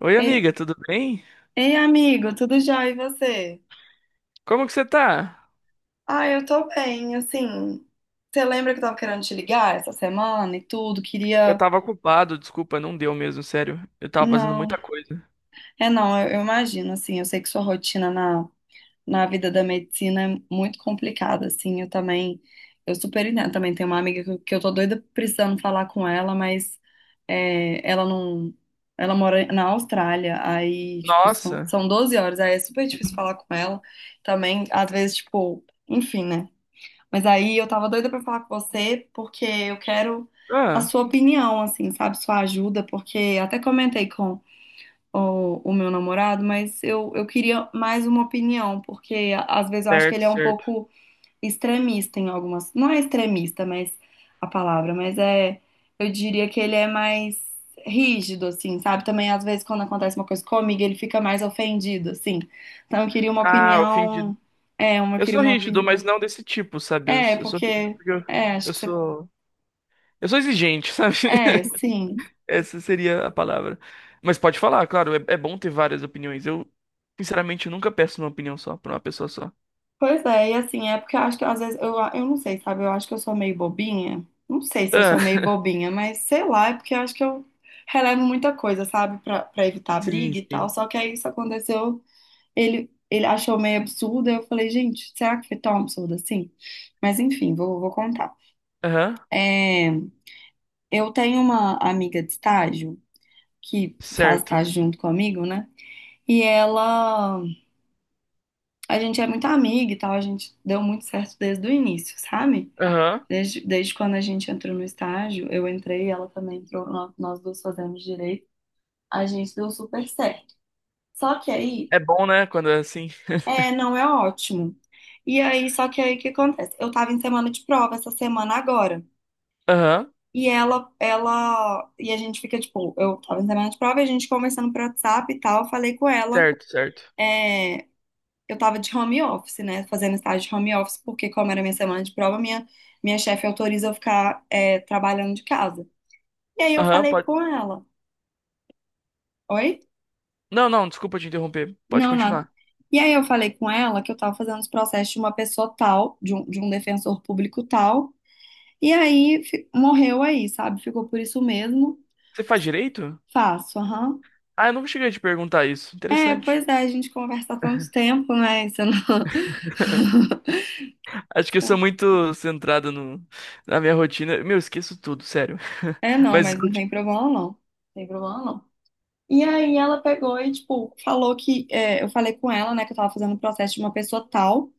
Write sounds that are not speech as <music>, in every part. Oi, Ei, amiga, tudo bem? ei, amigo, tudo já. E você? Como que você tá? Ah, eu tô bem, assim. Você lembra que eu tava querendo te ligar essa semana e tudo? Eu Queria. tava ocupado, desculpa, não deu mesmo, sério. Eu tava fazendo Não, muita coisa. é não, eu imagino, assim. Eu sei que sua rotina na vida da medicina é muito complicada, assim. Eu também. Eu super entendo. Também tenho uma amiga que eu tô doida precisando falar com ela, mas ela não. Ela mora na Austrália, aí, tipo, são, Nossa. são 12 horas, aí é super difícil falar com ela. Também, às vezes, tipo, enfim, né? Mas aí eu tava doida pra falar com você, porque eu quero a Ah, sua opinião, assim, sabe? Sua ajuda, porque até comentei com o meu namorado, mas eu queria mais uma opinião, porque às vezes eu acho que certo, ele é um certo. pouco extremista em algumas. Não é extremista, mas a palavra, mas é. Eu diria que ele é mais rígido, assim, sabe? Também às vezes quando acontece uma coisa comigo, ele fica mais ofendido, assim. Então eu queria uma Ah, ofendido. opinião. É, eu Eu queria sou uma rígido, opinião. mas não desse tipo, sabe? Eu, É, eu sou rígido porque. porque eu, É, acho eu que você. sou. Eu sou exigente, sabe? É, <laughs> sim. Essa seria a palavra. Mas pode falar, claro, é bom ter várias opiniões. Eu, sinceramente, nunca peço uma opinião só, pra uma pessoa só. Pois é, e assim, é porque eu acho que às vezes. Eu não sei, sabe? Eu acho que eu sou meio bobinha. Não sei se eu Ah, sou meio <laughs> bobinha, mas sei lá, é porque eu acho que eu relevo muita coisa, sabe? Pra evitar sim, briga e tal. sim. Só que aí isso aconteceu. Ele achou meio absurdo. Eu falei, gente, será que foi tão absurdo assim? Mas enfim, vou contar. Aham, É, eu tenho uma amiga de estágio que faz certo. estágio junto comigo, né? E ela. A gente é muito amiga e tal, a gente deu muito certo desde o início, sabe? Aham. desde, quando a gente entrou no estágio, eu entrei, ela também entrou, nós, duas fazemos direito, a gente deu super certo. Só que aí, É bom, né, quando é assim. é, não é ótimo. E aí, só que aí o que acontece? Eu tava em semana de prova essa semana agora. Aham. E a gente fica tipo, eu tava em semana de prova, e a gente conversando por WhatsApp e tal, eu falei com ela. Certo, certo. é, eu tava de home office, né? Fazendo estágio de home office, porque como era minha semana de prova, minha, chefe autoriza eu ficar trabalhando de casa. E aí eu Aham, falei pode. com ela. Oi? Não, não, desculpa te interromper. Pode Não, não. continuar. E aí eu falei com ela que eu tava fazendo os processos de uma pessoa tal, de um defensor público tal. E aí morreu aí, sabe? Ficou por isso mesmo. Você faz direito? Faço, aham. Ah, eu nunca cheguei a te perguntar isso. É, Interessante. pois é, a gente conversa há tanto tempo, né? Isso não. <laughs> Acho que eu sou <laughs> muito centrado no, na minha rotina. Meu, eu esqueço tudo, sério. É, <laughs> não, Mas mas não tem problema não. Não tem problema não. E aí ela pegou e, tipo, falou que. Eu falei com ela, né, que eu tava fazendo o processo de uma pessoa tal.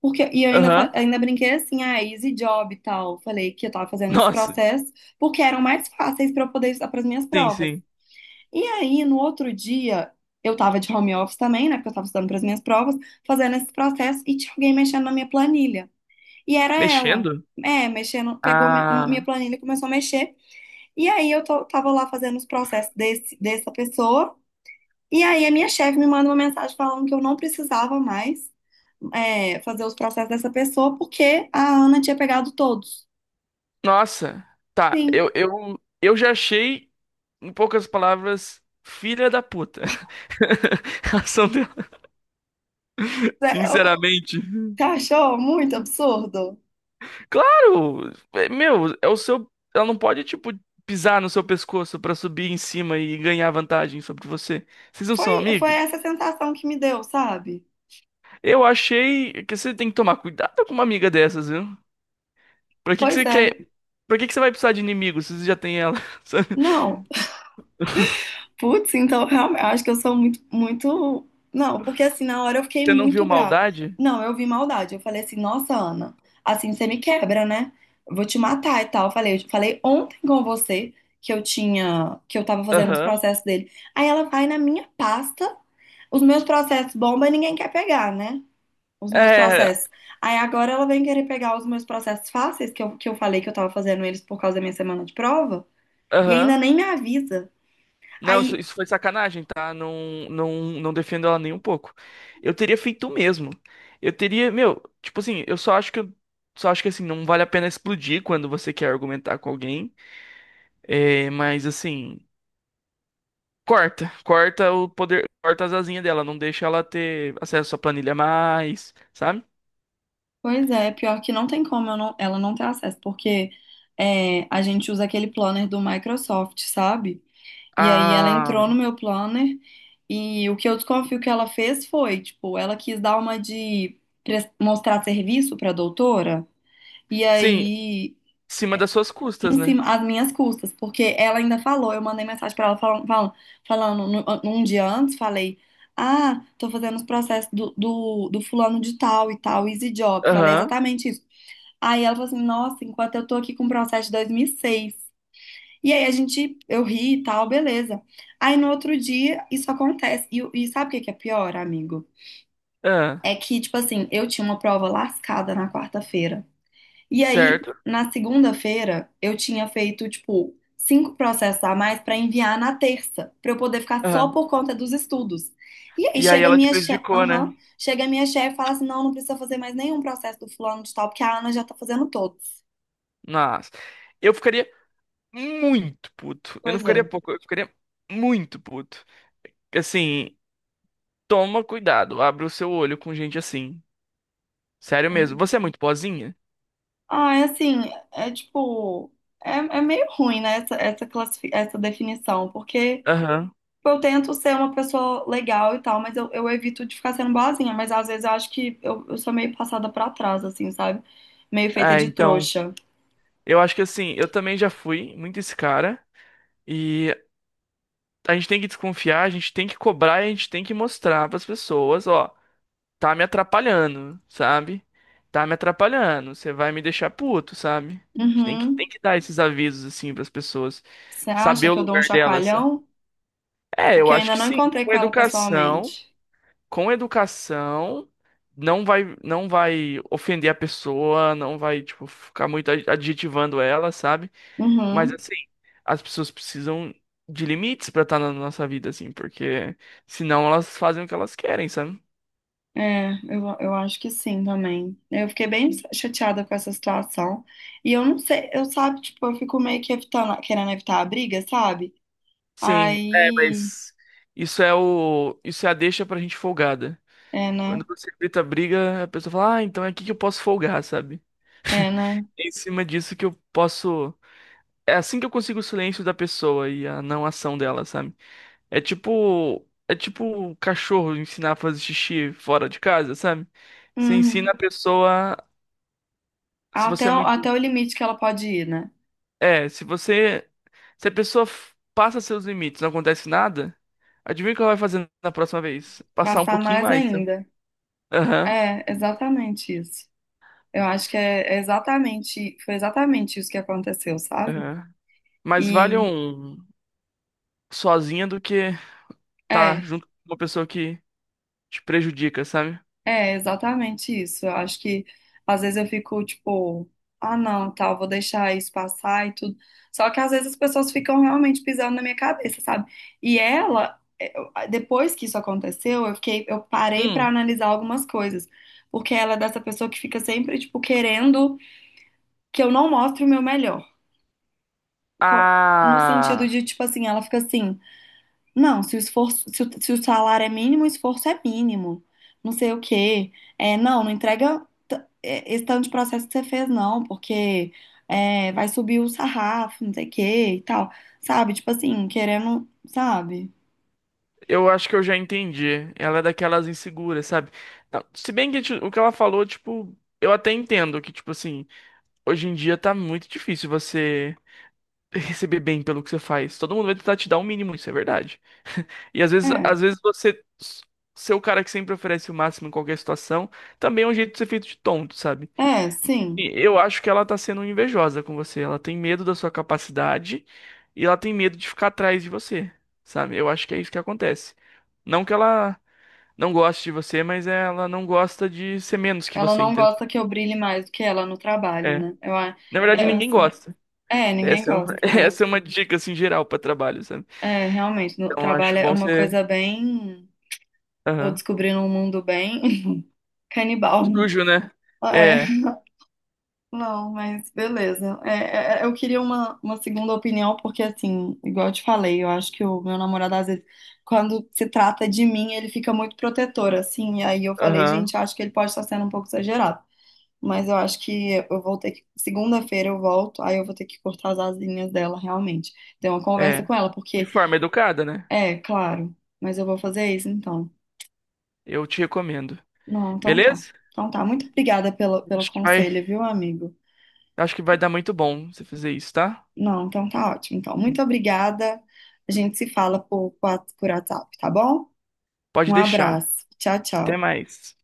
Porque, e eu ainda, aham. Ainda brinquei assim, ah, easy job e tal. Falei que eu tava fazendo esse Nossa, processo porque eram mais fáceis pra eu poder estudar pras minhas sim, provas. sim. E aí, no outro dia, eu tava de home office também, né, porque eu tava estudando pras minhas provas, fazendo esse processo e tinha alguém mexendo na minha planilha. E era ela. Mexendo? É, mexendo, pegou minha Ah. planilha e começou a mexer. E aí eu tava lá fazendo os processos desse, dessa pessoa. E aí a minha chefe me manda uma mensagem falando que eu não precisava mais fazer os processos dessa pessoa porque a Ana tinha pegado todos. Nossa. Tá, eu, Sim. eu, eu já achei, em poucas palavras, filha da puta. <laughs> A ação dela, É. sinceramente. Você achou muito absurdo? Claro, meu, é o seu. Ela não pode, tipo, pisar no seu pescoço pra subir em cima e ganhar vantagem sobre você. Vocês não são Foi amigas. essa sensação que me deu, sabe? Eu achei que você tem que tomar cuidado com uma amiga dessas, viu? Pra que que Pois você é. quer. Pra que que você vai precisar de inimigo se você já tem ela? <laughs> Sabe? Não, putz, então realmente, eu acho que eu sou muito, muito. Não, porque assim, na hora eu fiquei Você não viu muito brava. maldade? Não, eu vi maldade. Eu falei assim, nossa, Ana, assim você me quebra, né? Eu vou te matar e tal. Eu falei ontem com você que eu tinha, que eu tava fazendo os Aham. processos dele. Aí ela vai na minha pasta, os meus processos bomba e ninguém quer pegar, né? Os meus É, processos. Aí agora ela vem querer pegar os meus processos fáceis, que eu, falei que eu tava fazendo eles por causa da minha semana de prova, e ainda aham. nem me avisa. Não, isso, Aí. isso foi sacanagem, tá? Não, não defendo ela nem um pouco. Eu teria feito o mesmo. Eu teria, meu, tipo assim, só acho que assim, não vale a pena explodir quando você quer argumentar com alguém. É, mas assim, corta o poder, corta as asinhas dela, não deixa ela ter acesso à planilha mais, sabe? Pois é, pior que não tem como eu ela não ter acesso, porque a gente usa aquele planner do Microsoft, sabe? E aí ela entrou Ah, no meu planner e o que eu desconfio que ela fez foi, tipo, ela quis dar uma de mostrar serviço pra doutora e sim, em aí cima das suas custas, em né? cima as minhas custas, porque ela ainda falou, eu mandei mensagem pra ela falando, um dia antes, falei. Ah, tô fazendo os processos do fulano de tal e tal, easy job. Falei Aham, exatamente isso. Aí ela falou assim, nossa, enquanto eu tô aqui com o processo de 2006. E seis. E aí a gente, eu ri e tal, beleza. Aí no outro dia, isso acontece. E sabe o que que é pior, amigo? ah, É que, tipo assim, eu tinha uma prova lascada na quarta-feira. E aí, certo. na segunda-feira, eu tinha feito, tipo, cinco processos a mais pra enviar na terça, pra eu poder ficar só Aham. por conta dos estudos. E aí E aí chega a ela te minha chefe, prejudicou, né? aham, chega a minha chefe e fala assim, não, não precisa fazer mais nenhum processo do fulano de tal, porque a Ana já tá fazendo todos. Nossa. Eu ficaria muito puto. Eu não Pois ficaria é. pouco, eu ficaria muito puto. Assim, toma cuidado, abre o seu olho com gente assim. Sério mesmo. Você é muito boazinha? Ah, é assim, é tipo, é meio ruim, né, essa definição, porque Aham. tipo, eu tento ser uma pessoa legal e tal, mas eu evito de ficar sendo boazinha, mas às vezes eu acho que eu sou meio passada pra trás, assim, sabe? Meio feita Ah, de então. trouxa. Eu acho que assim, eu também já fui muito esse cara. E a gente tem que desconfiar, a gente tem que cobrar, e a gente tem que mostrar pras pessoas, ó, tá me atrapalhando, sabe? Tá me atrapalhando, você vai me deixar puto, sabe? A gente tem Uhum. que dar esses avisos assim pras pessoas, Você acha saber o que eu dou um lugar delas. chacoalhão? É, eu Porque eu acho ainda que não sim. encontrei com ela pessoalmente. Com educação, não vai ofender a pessoa, não vai, tipo, ficar muito adjetivando ela, sabe? Mas Uhum. assim, as pessoas precisam de limites pra estar na nossa vida, assim, porque senão elas fazem o que elas querem, sabe? É, eu acho que sim também. Eu fiquei bem chateada com essa situação. E eu não sei, eu sabe, tipo, eu fico meio que evitando, querendo evitar a briga, sabe? Sim, é, Aí, mas isso é a deixa pra gente folgada. é, né? Quando você grita briga, a pessoa fala, ah, então é aqui que eu posso folgar, sabe? É, né? É. Em cima disso que eu posso. É assim que eu consigo o silêncio da pessoa e a não ação dela, sabe? É tipo o cachorro ensinar a fazer xixi fora de casa, sabe? Você ensina Uhum. a pessoa, se você é Até, o- muito, até o limite que ela pode ir, né? é, se você, se a pessoa passa seus limites, não acontece nada, adivinha o que ela vai fazer na próxima vez? Passar um Passar pouquinho mais mais, né? ainda. Aham, É, exatamente isso. Eu acho que é exatamente, foi exatamente isso que aconteceu, sabe? aham. Mas vale E um sozinha do que tá é. junto com uma pessoa que te prejudica, sabe? É exatamente isso. Eu acho que às vezes eu fico tipo, ah, não, tal, vou deixar isso passar e tudo. Só que às vezes as pessoas ficam realmente pisando na minha cabeça, sabe? E ela, depois que isso aconteceu, eu fiquei, eu parei pra Hum. analisar algumas coisas, porque ela é dessa pessoa que fica sempre tipo querendo que eu não mostre o meu melhor. No sentido Ah. de tipo assim, ela fica assim. Não, se o esforço, se o salário é mínimo, o esforço é mínimo. Não sei o quê. É, não, não entrega esse tanto de processo que você fez, não, porque vai subir o sarrafo, não sei o quê e tal. Sabe? Tipo assim, querendo, sabe? Eu acho que eu já entendi. Ela é daquelas inseguras, sabe? Não, se bem que o que ela falou, tipo, eu até entendo que, tipo assim, hoje em dia tá muito difícil você <laughs> receber bem pelo que você faz. Todo mundo vai tentar te dar o mínimo, isso é verdade. E É, às vezes você ser o cara que sempre oferece o máximo em qualquer situação, também é um jeito de ser feito de tonto, sabe? é, sim. E eu acho que ela tá sendo invejosa com você. Ela tem medo da sua capacidade e ela tem medo de ficar atrás de você, sabe? Eu acho que é isso que acontece. Não que ela não gosta de você, mas ela não gosta de ser menos que Ela você, não entende? gosta que eu brilhe mais do que ela no trabalho, É. né? Na verdade, É ninguém assim. gosta. É, ninguém Essa é uma, <laughs> gosta, né? essa é uma dica, assim, geral pra trabalho, sabe? É, realmente, no Então, eu trabalho acho é bom uma ser coisa bem. Tô aham. descobrindo um mundo bem <laughs> canibal. Sujo, né? É. É, Não, mas beleza. Eu queria uma, segunda opinião, porque assim, igual eu te falei, eu acho que o meu namorado, às vezes, quando se trata de mim, ele fica muito protetor, assim. E aí eu falei, aham, gente, eu acho que ele pode estar sendo um pouco exagerado. Mas eu acho que eu vou ter que. Segunda-feira eu volto, aí eu vou ter que cortar as asinhas dela, realmente. Ter uma conversa é. com ela, De porque, forma educada, né? Claro, mas eu vou fazer isso então. Eu te recomendo. Não, então tá. Beleza? Então tá. Muito obrigada pelo, Acho que vai, conselho, viu, amigo? acho que vai dar muito bom você fazer isso, tá? Não, então tá ótimo. Então, muito obrigada. A gente se fala por, WhatsApp, tá bom? Pode Um deixar. abraço. Tchau, Até tchau. mais.